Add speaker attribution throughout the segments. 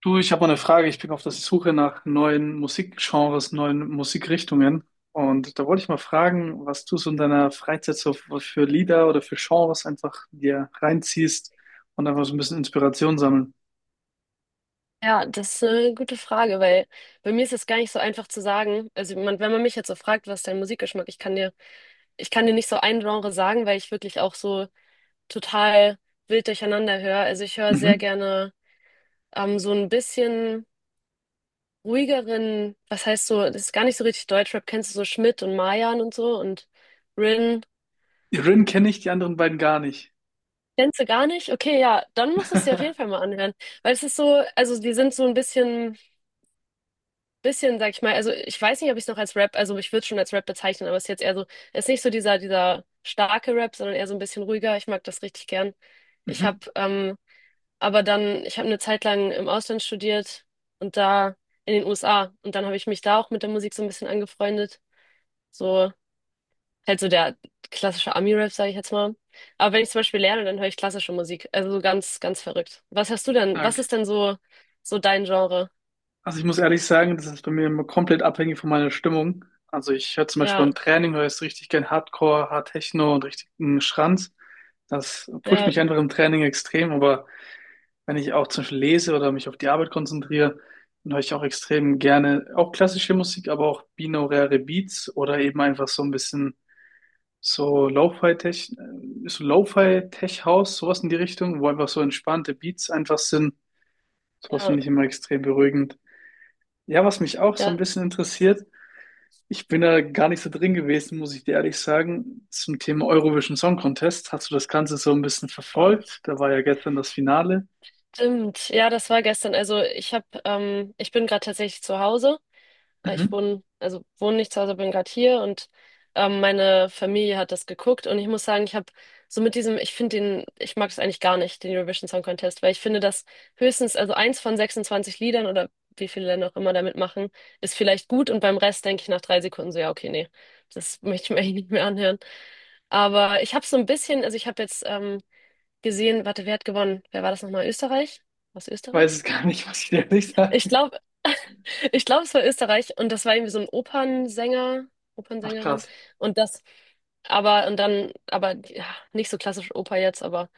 Speaker 1: Du, ich habe mal eine Frage. Ich bin auf der Suche nach neuen Musikgenres, neuen Musikrichtungen. Und da wollte ich mal fragen, was du so in deiner Freizeit so für Lieder oder für Genres einfach dir reinziehst und einfach so ein bisschen Inspiration sammeln.
Speaker 2: Ja, das ist eine gute Frage, weil bei mir ist es gar nicht so einfach zu sagen. Also wenn man mich jetzt so fragt, was ist dein Musikgeschmack, ich kann dir nicht so ein Genre sagen, weil ich wirklich auch so total wild durcheinander höre. Also ich höre sehr
Speaker 1: Mhm.
Speaker 2: gerne so ein bisschen ruhigeren, was heißt so, das ist gar nicht so richtig Deutschrap. Kennst du so Schmidt und Mayan und so und Rin?
Speaker 1: Die Rin kenne ich, die anderen beiden gar nicht.
Speaker 2: Kennst du gar nicht? Okay, ja, dann musst du es dir auf jeden Fall mal anhören, weil es ist so, also die sind so ein bisschen, sag ich mal, also ich weiß nicht, ob ich es noch als Rap, also ich würde es schon als Rap bezeichnen, aber es ist jetzt eher so, es ist nicht so dieser starke Rap, sondern eher so ein bisschen ruhiger. Ich mag das richtig gern. Ich
Speaker 1: Mhm.
Speaker 2: habe, ähm, aber dann, ich habe eine Zeit lang im Ausland studiert und da in den USA, und dann habe ich mich da auch mit der Musik so ein bisschen angefreundet. So, halt so der klassische Ami-Rap, sage ich jetzt mal. Aber wenn ich zum Beispiel lerne, dann höre ich klassische Musik. Also so ganz, ganz verrückt. Was hast du denn? Was
Speaker 1: Stark.
Speaker 2: ist denn so, dein Genre?
Speaker 1: Also ich muss ehrlich sagen, das ist bei mir immer komplett abhängig von meiner Stimmung. Also ich höre zum Beispiel
Speaker 2: Ja,
Speaker 1: beim Training, höre ich richtig gern Hardcore, Hard Techno und richtigen Schranz. Das pusht
Speaker 2: ja,
Speaker 1: mich einfach im Training extrem, aber wenn ich auch zum Beispiel lese oder mich auf die Arbeit konzentriere, dann höre ich auch extrem gerne auch klassische Musik, aber auch binaurale Beats oder eben einfach so ein bisschen so Lo-Fi-Tech-House, sowas in die Richtung, wo einfach so entspannte Beats einfach sind. Sowas
Speaker 2: ja,
Speaker 1: finde ich immer extrem beruhigend. Ja, was mich auch so
Speaker 2: ja.
Speaker 1: ein bisschen interessiert, ich bin da gar nicht so drin gewesen, muss ich dir ehrlich sagen, zum Thema Eurovision Song Contest. Hast du das Ganze so ein bisschen
Speaker 2: Boah.
Speaker 1: verfolgt? Da war ja gestern das Finale.
Speaker 2: Stimmt, ja, das war gestern. Also ich bin gerade tatsächlich zu Hause. Äh, Ich
Speaker 1: Mhm.
Speaker 2: wohne, also wohne nicht zu Hause, bin gerade hier, und meine Familie hat das geguckt, und ich muss sagen, ich habe so mit diesem, ich finde den, ich mag es eigentlich gar nicht, den Eurovision Song Contest, weil ich finde, dass höchstens, also eins von 26 Liedern, oder wie viele Länder auch immer da mitmachen, ist vielleicht gut und beim Rest denke ich nach 3 Sekunden so, ja, okay, nee, das möchte ich mir eigentlich nicht mehr anhören. Aber ich habe so ein bisschen, also ich habe jetzt gesehen, warte, wer hat gewonnen? Wer war das nochmal? Österreich? Aus
Speaker 1: Ich weiß
Speaker 2: Österreich?
Speaker 1: es gar nicht, muss ich dir ehrlich
Speaker 2: Ich
Speaker 1: sagen.
Speaker 2: glaube, ich glaube, es war Österreich, und das war irgendwie so ein Opernsänger,
Speaker 1: Ach
Speaker 2: Opernsängerin,
Speaker 1: krass.
Speaker 2: und das, aber und dann, aber ja, nicht so klassisch Oper jetzt, aber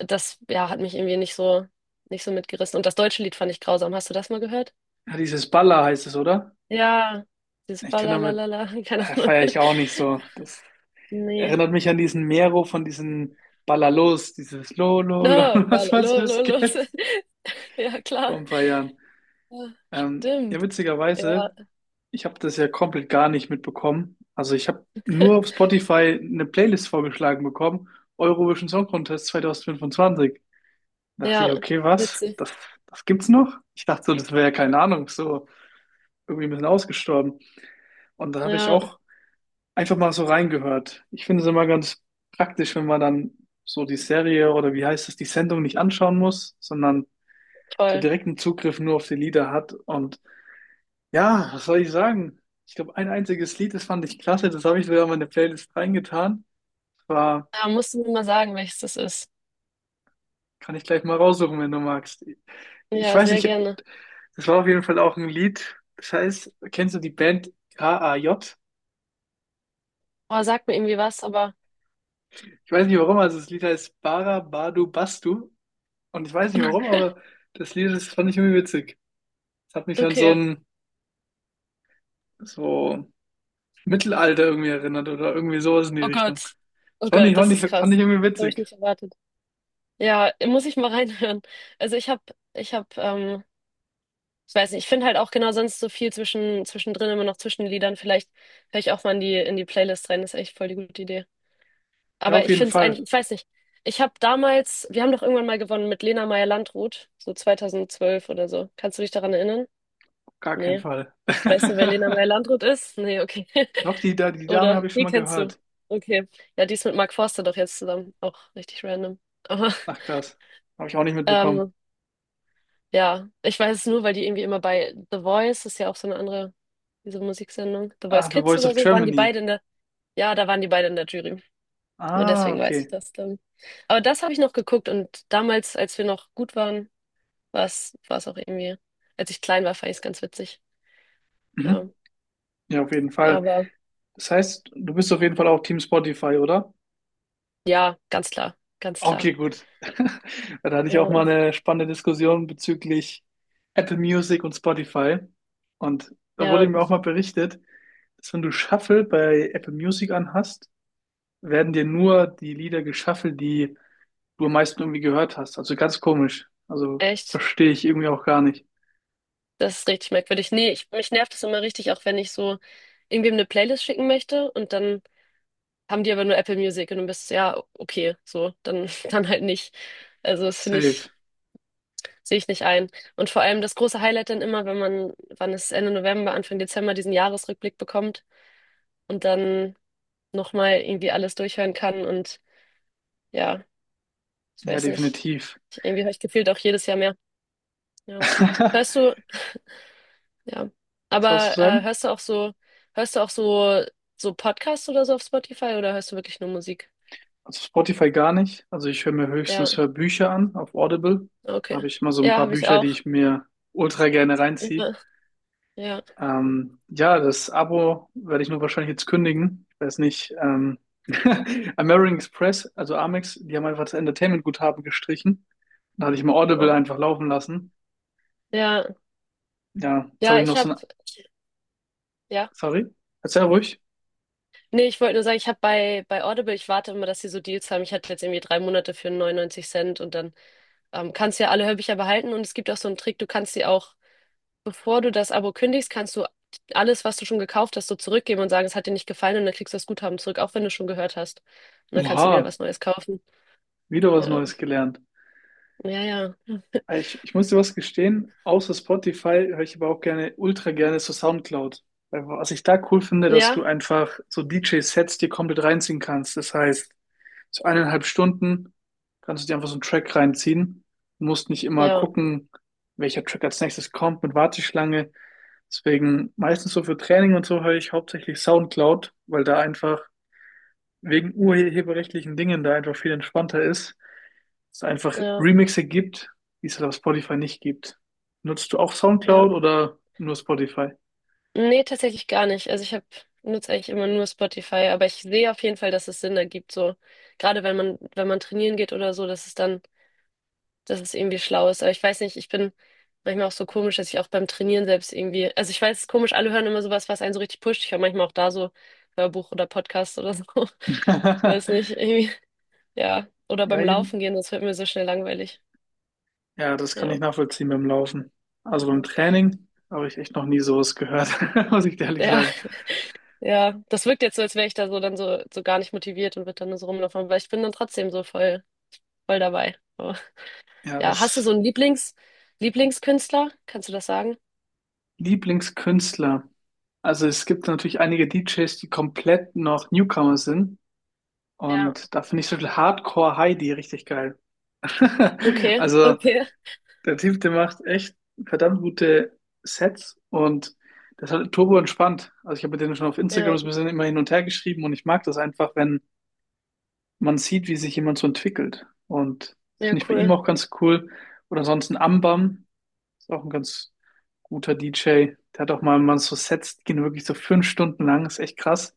Speaker 2: das ja hat mich irgendwie nicht so mitgerissen, und das deutsche Lied fand ich grausam. Hast du das mal gehört?
Speaker 1: Ja, dieses Balla heißt es, oder?
Speaker 2: Ja, dieses
Speaker 1: Ich kann damit,
Speaker 2: Balalala, keine Ahnung.
Speaker 1: feiere ich auch nicht so. Das
Speaker 2: Nee.
Speaker 1: erinnert mich an diesen Mero von diesen Ballalos, dieses Lo, Lo, Lo,
Speaker 2: No,
Speaker 1: was das
Speaker 2: balalos.
Speaker 1: geht
Speaker 2: Ja,
Speaker 1: vor
Speaker 2: klar.
Speaker 1: ein paar Jahren.
Speaker 2: Ja,
Speaker 1: Ja,
Speaker 2: stimmt. Ja,
Speaker 1: witzigerweise, ich habe das ja komplett gar nicht mitbekommen. Also ich habe nur auf Spotify eine Playlist vorgeschlagen bekommen, Eurovision Song Contest 2025. Dachte ich,
Speaker 2: ja,
Speaker 1: okay, was?
Speaker 2: witzig.
Speaker 1: Das gibt's noch? Ich dachte so, das wäre, keine Ahnung, so irgendwie ein bisschen ausgestorben. Und dann habe ich
Speaker 2: Ja,
Speaker 1: auch einfach mal so reingehört. Ich finde es immer ganz praktisch, wenn man dann so die Serie oder wie heißt es, die Sendung nicht anschauen muss, sondern so
Speaker 2: toll.
Speaker 1: direkten Zugriff nur auf die Lieder hat. Und ja, was soll ich sagen? Ich glaube, ein einziges Lied, das fand ich klasse, das habe ich sogar in meine Playlist reingetan. War,
Speaker 2: Ja, musst du mir mal sagen, welches das ist.
Speaker 1: kann ich gleich mal raussuchen, wenn du magst. Ich
Speaker 2: Ja,
Speaker 1: weiß
Speaker 2: sehr
Speaker 1: nicht,
Speaker 2: gerne.
Speaker 1: das war auf jeden Fall auch ein Lied. Das heißt, kennst du die Band KAJ?
Speaker 2: Oh, sag mir irgendwie was, aber
Speaker 1: Ich weiß nicht warum, also das Lied heißt Bara Badu Bastu. Und ich weiß nicht warum, aber das Lied, das fand ich irgendwie witzig. Es hat mich an so
Speaker 2: okay.
Speaker 1: ein so Mittelalter irgendwie erinnert oder irgendwie sowas in die
Speaker 2: Oh
Speaker 1: Richtung.
Speaker 2: Gott.
Speaker 1: Das
Speaker 2: Oh
Speaker 1: fand ich,
Speaker 2: Gott, das
Speaker 1: fand ich,
Speaker 2: ist
Speaker 1: fand ich
Speaker 2: krass.
Speaker 1: irgendwie
Speaker 2: Das habe ich
Speaker 1: witzig.
Speaker 2: nicht erwartet. Ja, muss ich mal reinhören. Also ich habe, ähm, ich weiß nicht, ich finde halt auch genau sonst so viel zwischen, zwischendrin immer noch zwischen den Liedern. Vielleicht höre ich auch mal in die Playlist rein. Das ist echt voll die gute Idee.
Speaker 1: Ja,
Speaker 2: Aber
Speaker 1: auf
Speaker 2: ich
Speaker 1: jeden
Speaker 2: finde es
Speaker 1: Fall.
Speaker 2: eigentlich, ich weiß nicht. Ich habe damals, wir haben doch irgendwann mal gewonnen mit Lena Meyer-Landrut, so 2012 oder so. Kannst du dich daran erinnern?
Speaker 1: Auf gar keinen
Speaker 2: Nee.
Speaker 1: Fall.
Speaker 2: Weißt du, wer Lena Meyer-Landrut ist? Nee, okay.
Speaker 1: Doch, die Dame habe
Speaker 2: Oder,
Speaker 1: ich schon
Speaker 2: die
Speaker 1: mal
Speaker 2: kennst du.
Speaker 1: gehört.
Speaker 2: Okay. Ja, die ist mit Mark Forster doch jetzt zusammen. Auch richtig random. Aber,
Speaker 1: Ach krass. Habe ich auch nicht mitbekommen.
Speaker 2: ähm, ja, ich weiß es nur, weil die irgendwie immer bei The Voice, ist ja auch so eine andere, diese Musiksendung, The
Speaker 1: Ah,
Speaker 2: Voice
Speaker 1: The
Speaker 2: Kids
Speaker 1: Voice
Speaker 2: oder
Speaker 1: of
Speaker 2: so, waren die
Speaker 1: Germany.
Speaker 2: beide in der, ja, da waren die beide in der Jury. Nur
Speaker 1: Ah,
Speaker 2: deswegen weiß ich
Speaker 1: okay.
Speaker 2: das dann. Aber das habe ich noch geguckt, und damals, als wir noch gut waren, war es auch irgendwie, als ich klein war, fand ich es ganz witzig. Ja,
Speaker 1: Mhm. Ja, auf jeden Fall.
Speaker 2: aber
Speaker 1: Das heißt, du bist auf jeden Fall auch Team Spotify, oder?
Speaker 2: ja, ganz klar, ganz klar.
Speaker 1: Okay, gut. Da hatte ich auch
Speaker 2: Ja.
Speaker 1: mal eine spannende Diskussion bezüglich Apple Music und Spotify. Und da wurde
Speaker 2: Ja,
Speaker 1: mir auch mal berichtet, dass wenn du Shuffle bei Apple Music anhast, werden dir nur die Lieder geshuffelt, die du am meisten irgendwie gehört hast. Also ganz komisch. Also
Speaker 2: echt.
Speaker 1: verstehe ich irgendwie auch gar nicht.
Speaker 2: Das ist richtig merkwürdig. Nee, mich nervt das immer richtig, auch wenn ich so irgendwem eine Playlist schicken möchte, und dann haben die aber nur Apple Music, und du bist, ja, okay, so, dann, dann halt nicht. Also das finde
Speaker 1: Safe.
Speaker 2: ich, sehe ich nicht ein. Und vor allem das große Highlight dann immer, wenn man, wann es Ende November, Anfang Dezember diesen Jahresrückblick bekommt und dann nochmal irgendwie alles durchhören kann, und ja, ich
Speaker 1: Ja,
Speaker 2: weiß nicht.
Speaker 1: definitiv.
Speaker 2: Irgendwie habe ich gefühlt auch jedes Jahr mehr. Ja.
Speaker 1: Was
Speaker 2: Hörst du, Ja.
Speaker 1: wolltest du
Speaker 2: Aber
Speaker 1: sagen?
Speaker 2: hörst du auch so, so Podcasts oder so auf Spotify, oder hörst du wirklich nur Musik?
Speaker 1: Also Spotify gar nicht. Also ich höre mir
Speaker 2: Ja,
Speaker 1: höchstens Hörbücher an auf Audible. Da habe
Speaker 2: okay.
Speaker 1: ich immer so ein
Speaker 2: Ja,
Speaker 1: paar
Speaker 2: habe ich
Speaker 1: Bücher, die
Speaker 2: auch.
Speaker 1: ich mir ultra gerne reinziehe.
Speaker 2: Ja, ja.
Speaker 1: Ja, das Abo werde ich nur wahrscheinlich jetzt kündigen. Ich weiß nicht. American Express, also Amex, die haben einfach das Entertainment-Guthaben gestrichen. Da hatte ich mal Audible
Speaker 2: Oh.
Speaker 1: einfach laufen lassen.
Speaker 2: Ja,
Speaker 1: Ja, jetzt habe
Speaker 2: ja,
Speaker 1: ich noch
Speaker 2: ich
Speaker 1: so
Speaker 2: habe,
Speaker 1: ein...
Speaker 2: ja.
Speaker 1: Sorry, erzähl ruhig.
Speaker 2: Nee, ich wollte nur sagen, ich habe bei Audible, ich warte immer, dass sie so Deals haben. Ich hatte jetzt irgendwie 3 Monate für 99 Cent, und dann kannst du ja alle Hörbücher behalten, und es gibt auch so einen Trick, du kannst sie auch bevor du das Abo kündigst, kannst du alles, was du schon gekauft hast, so zurückgeben und sagen, es hat dir nicht gefallen, und dann kriegst du das Guthaben zurück, auch wenn du schon gehört hast. Und dann kannst du wieder
Speaker 1: Oha,
Speaker 2: was Neues kaufen.
Speaker 1: wieder was
Speaker 2: Ja,
Speaker 1: Neues gelernt.
Speaker 2: ja, ja.
Speaker 1: Ich muss dir was gestehen, außer Spotify höre ich aber auch gerne, ultra gerne so Soundcloud. Weil was ich da cool finde, dass du
Speaker 2: Ja,
Speaker 1: einfach so DJ-Sets dir komplett reinziehen kannst. Das heißt, so 1,5 Stunden kannst du dir einfach so einen Track reinziehen. Du musst nicht immer
Speaker 2: ja,
Speaker 1: gucken, welcher Track als nächstes kommt mit Warteschlange. Deswegen meistens so für Training und so höre ich hauptsächlich Soundcloud, weil da einfach wegen urheberrechtlichen Dingen da einfach viel entspannter ist, es einfach
Speaker 2: ja,
Speaker 1: Remixe gibt, die es halt auf Spotify nicht gibt. Nutzt du auch
Speaker 2: ja.
Speaker 1: SoundCloud oder nur Spotify?
Speaker 2: Nee, tatsächlich gar nicht. Also ich habe nutze eigentlich immer nur Spotify, aber ich sehe auf jeden Fall, dass es Sinn ergibt, so gerade wenn man trainieren geht oder so, dass es irgendwie schlau ist. Aber ich weiß nicht, ich bin manchmal auch so komisch, dass ich auch beim Trainieren selbst irgendwie, also ich weiß, es ist komisch, alle hören immer sowas, was einen so richtig pusht. Ich höre manchmal auch da so Hörbuch oder Podcast oder so. Ich weiß nicht, irgendwie, ja. Oder
Speaker 1: Ja,
Speaker 2: beim
Speaker 1: eben.
Speaker 2: Laufen gehen, das wird mir so schnell langweilig.
Speaker 1: Ja, das kann ich
Speaker 2: Ja.
Speaker 1: nachvollziehen beim Laufen. Also beim
Speaker 2: Ja,
Speaker 1: Training habe ich echt noch nie sowas gehört, muss ich dir ehrlich
Speaker 2: ja,
Speaker 1: sagen.
Speaker 2: ja. Das wirkt jetzt so, als wäre ich da so dann so gar nicht motiviert und würde dann nur so rumlaufen, aber ich bin dann trotzdem so voll, voll dabei. Aber,
Speaker 1: Ja,
Speaker 2: ja, hast du
Speaker 1: das
Speaker 2: so einen Lieblingskünstler? Kannst du das sagen?
Speaker 1: Lieblingskünstler. Also es gibt natürlich einige DJs, die komplett noch Newcomer sind.
Speaker 2: Ja.
Speaker 1: Und da finde ich so viel Hardcore Heidi richtig geil.
Speaker 2: Okay,
Speaker 1: Also
Speaker 2: okay.
Speaker 1: der Typ, der macht echt verdammt gute Sets und das ist halt turbo entspannt. Also ich habe mit denen schon auf Instagram
Speaker 2: Ja,
Speaker 1: so ein bisschen immer hin und her geschrieben und ich mag das einfach, wenn man sieht, wie sich jemand so entwickelt. Und das
Speaker 2: ja,
Speaker 1: finde ich bei ihm
Speaker 2: cool.
Speaker 1: auch ganz cool. Oder ansonsten Ambam ist auch ein ganz guter DJ. Der hat auch mal, man so Sets, die gehen wirklich so 5 Stunden lang, ist echt krass.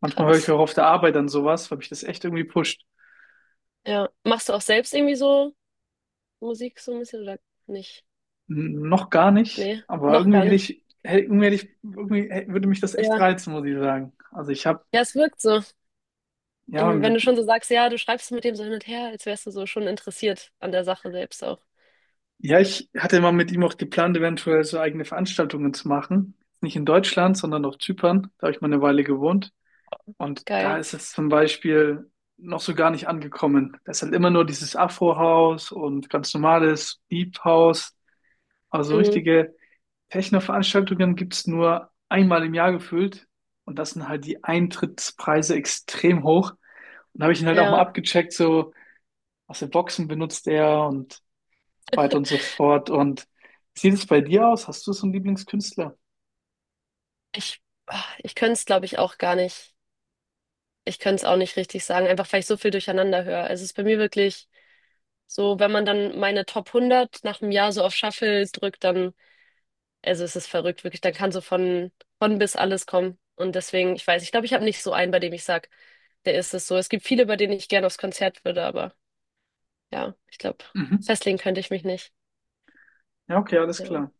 Speaker 1: Manchmal höre ich
Speaker 2: Krass.
Speaker 1: auch auf der Arbeit dann sowas, weil mich das echt irgendwie pusht.
Speaker 2: Ja. Machst du auch selbst irgendwie so Musik so ein bisschen oder nicht?
Speaker 1: Noch gar nicht,
Speaker 2: Nee,
Speaker 1: aber
Speaker 2: noch
Speaker 1: irgendwie
Speaker 2: gar
Speaker 1: hätte
Speaker 2: nicht.
Speaker 1: ich,
Speaker 2: Okay.
Speaker 1: hätte, irgendwie hätte ich, würde mich das echt
Speaker 2: Ja.
Speaker 1: reizen, muss ich sagen. Also ich habe,
Speaker 2: Ja, es wirkt so.
Speaker 1: ja,
Speaker 2: Irgendwie, wenn
Speaker 1: mit-
Speaker 2: du schon so sagst, ja, du schreibst mit dem so hin und her, als wärst du so schon interessiert an der Sache selbst auch.
Speaker 1: ja, ich hatte mal mit ihm auch geplant, eventuell so eigene Veranstaltungen zu machen. Nicht in Deutschland, sondern auf Zypern. Da habe ich mal eine Weile gewohnt. Und da
Speaker 2: Geil.
Speaker 1: ist es zum Beispiel noch so gar nicht angekommen. Da ist halt immer nur dieses Afro-House und ganz normales Deep House, also
Speaker 2: Mhm.
Speaker 1: richtige Techno-Veranstaltungen gibt es nur einmal im Jahr gefühlt. Und das sind halt die Eintrittspreise extrem hoch. Und habe ich ihn halt auch mal
Speaker 2: Ja,
Speaker 1: abgecheckt, so, was für Boxen benutzt er und so weiter und so fort. Und wie sieht es bei dir aus? Hast du so einen Lieblingskünstler?
Speaker 2: ich, ich könnte es, glaube ich, auch gar nicht. Ich könnte es auch nicht richtig sagen, einfach weil ich so viel durcheinander höre. Also es ist bei mir wirklich so, wenn man dann meine Top 100 nach einem Jahr so auf Shuffle drückt, dann. Also es ist verrückt, wirklich. Da kann so von bis alles kommen. Und deswegen, ich weiß, ich glaube, ich habe nicht so einen, bei dem ich sage, der ist es so. Es gibt viele, bei denen ich gerne aufs Konzert würde, aber ja, ich glaube,
Speaker 1: Mhm.
Speaker 2: festlegen könnte ich mich nicht.
Speaker 1: Ja, okay, alles klar.
Speaker 2: Ja.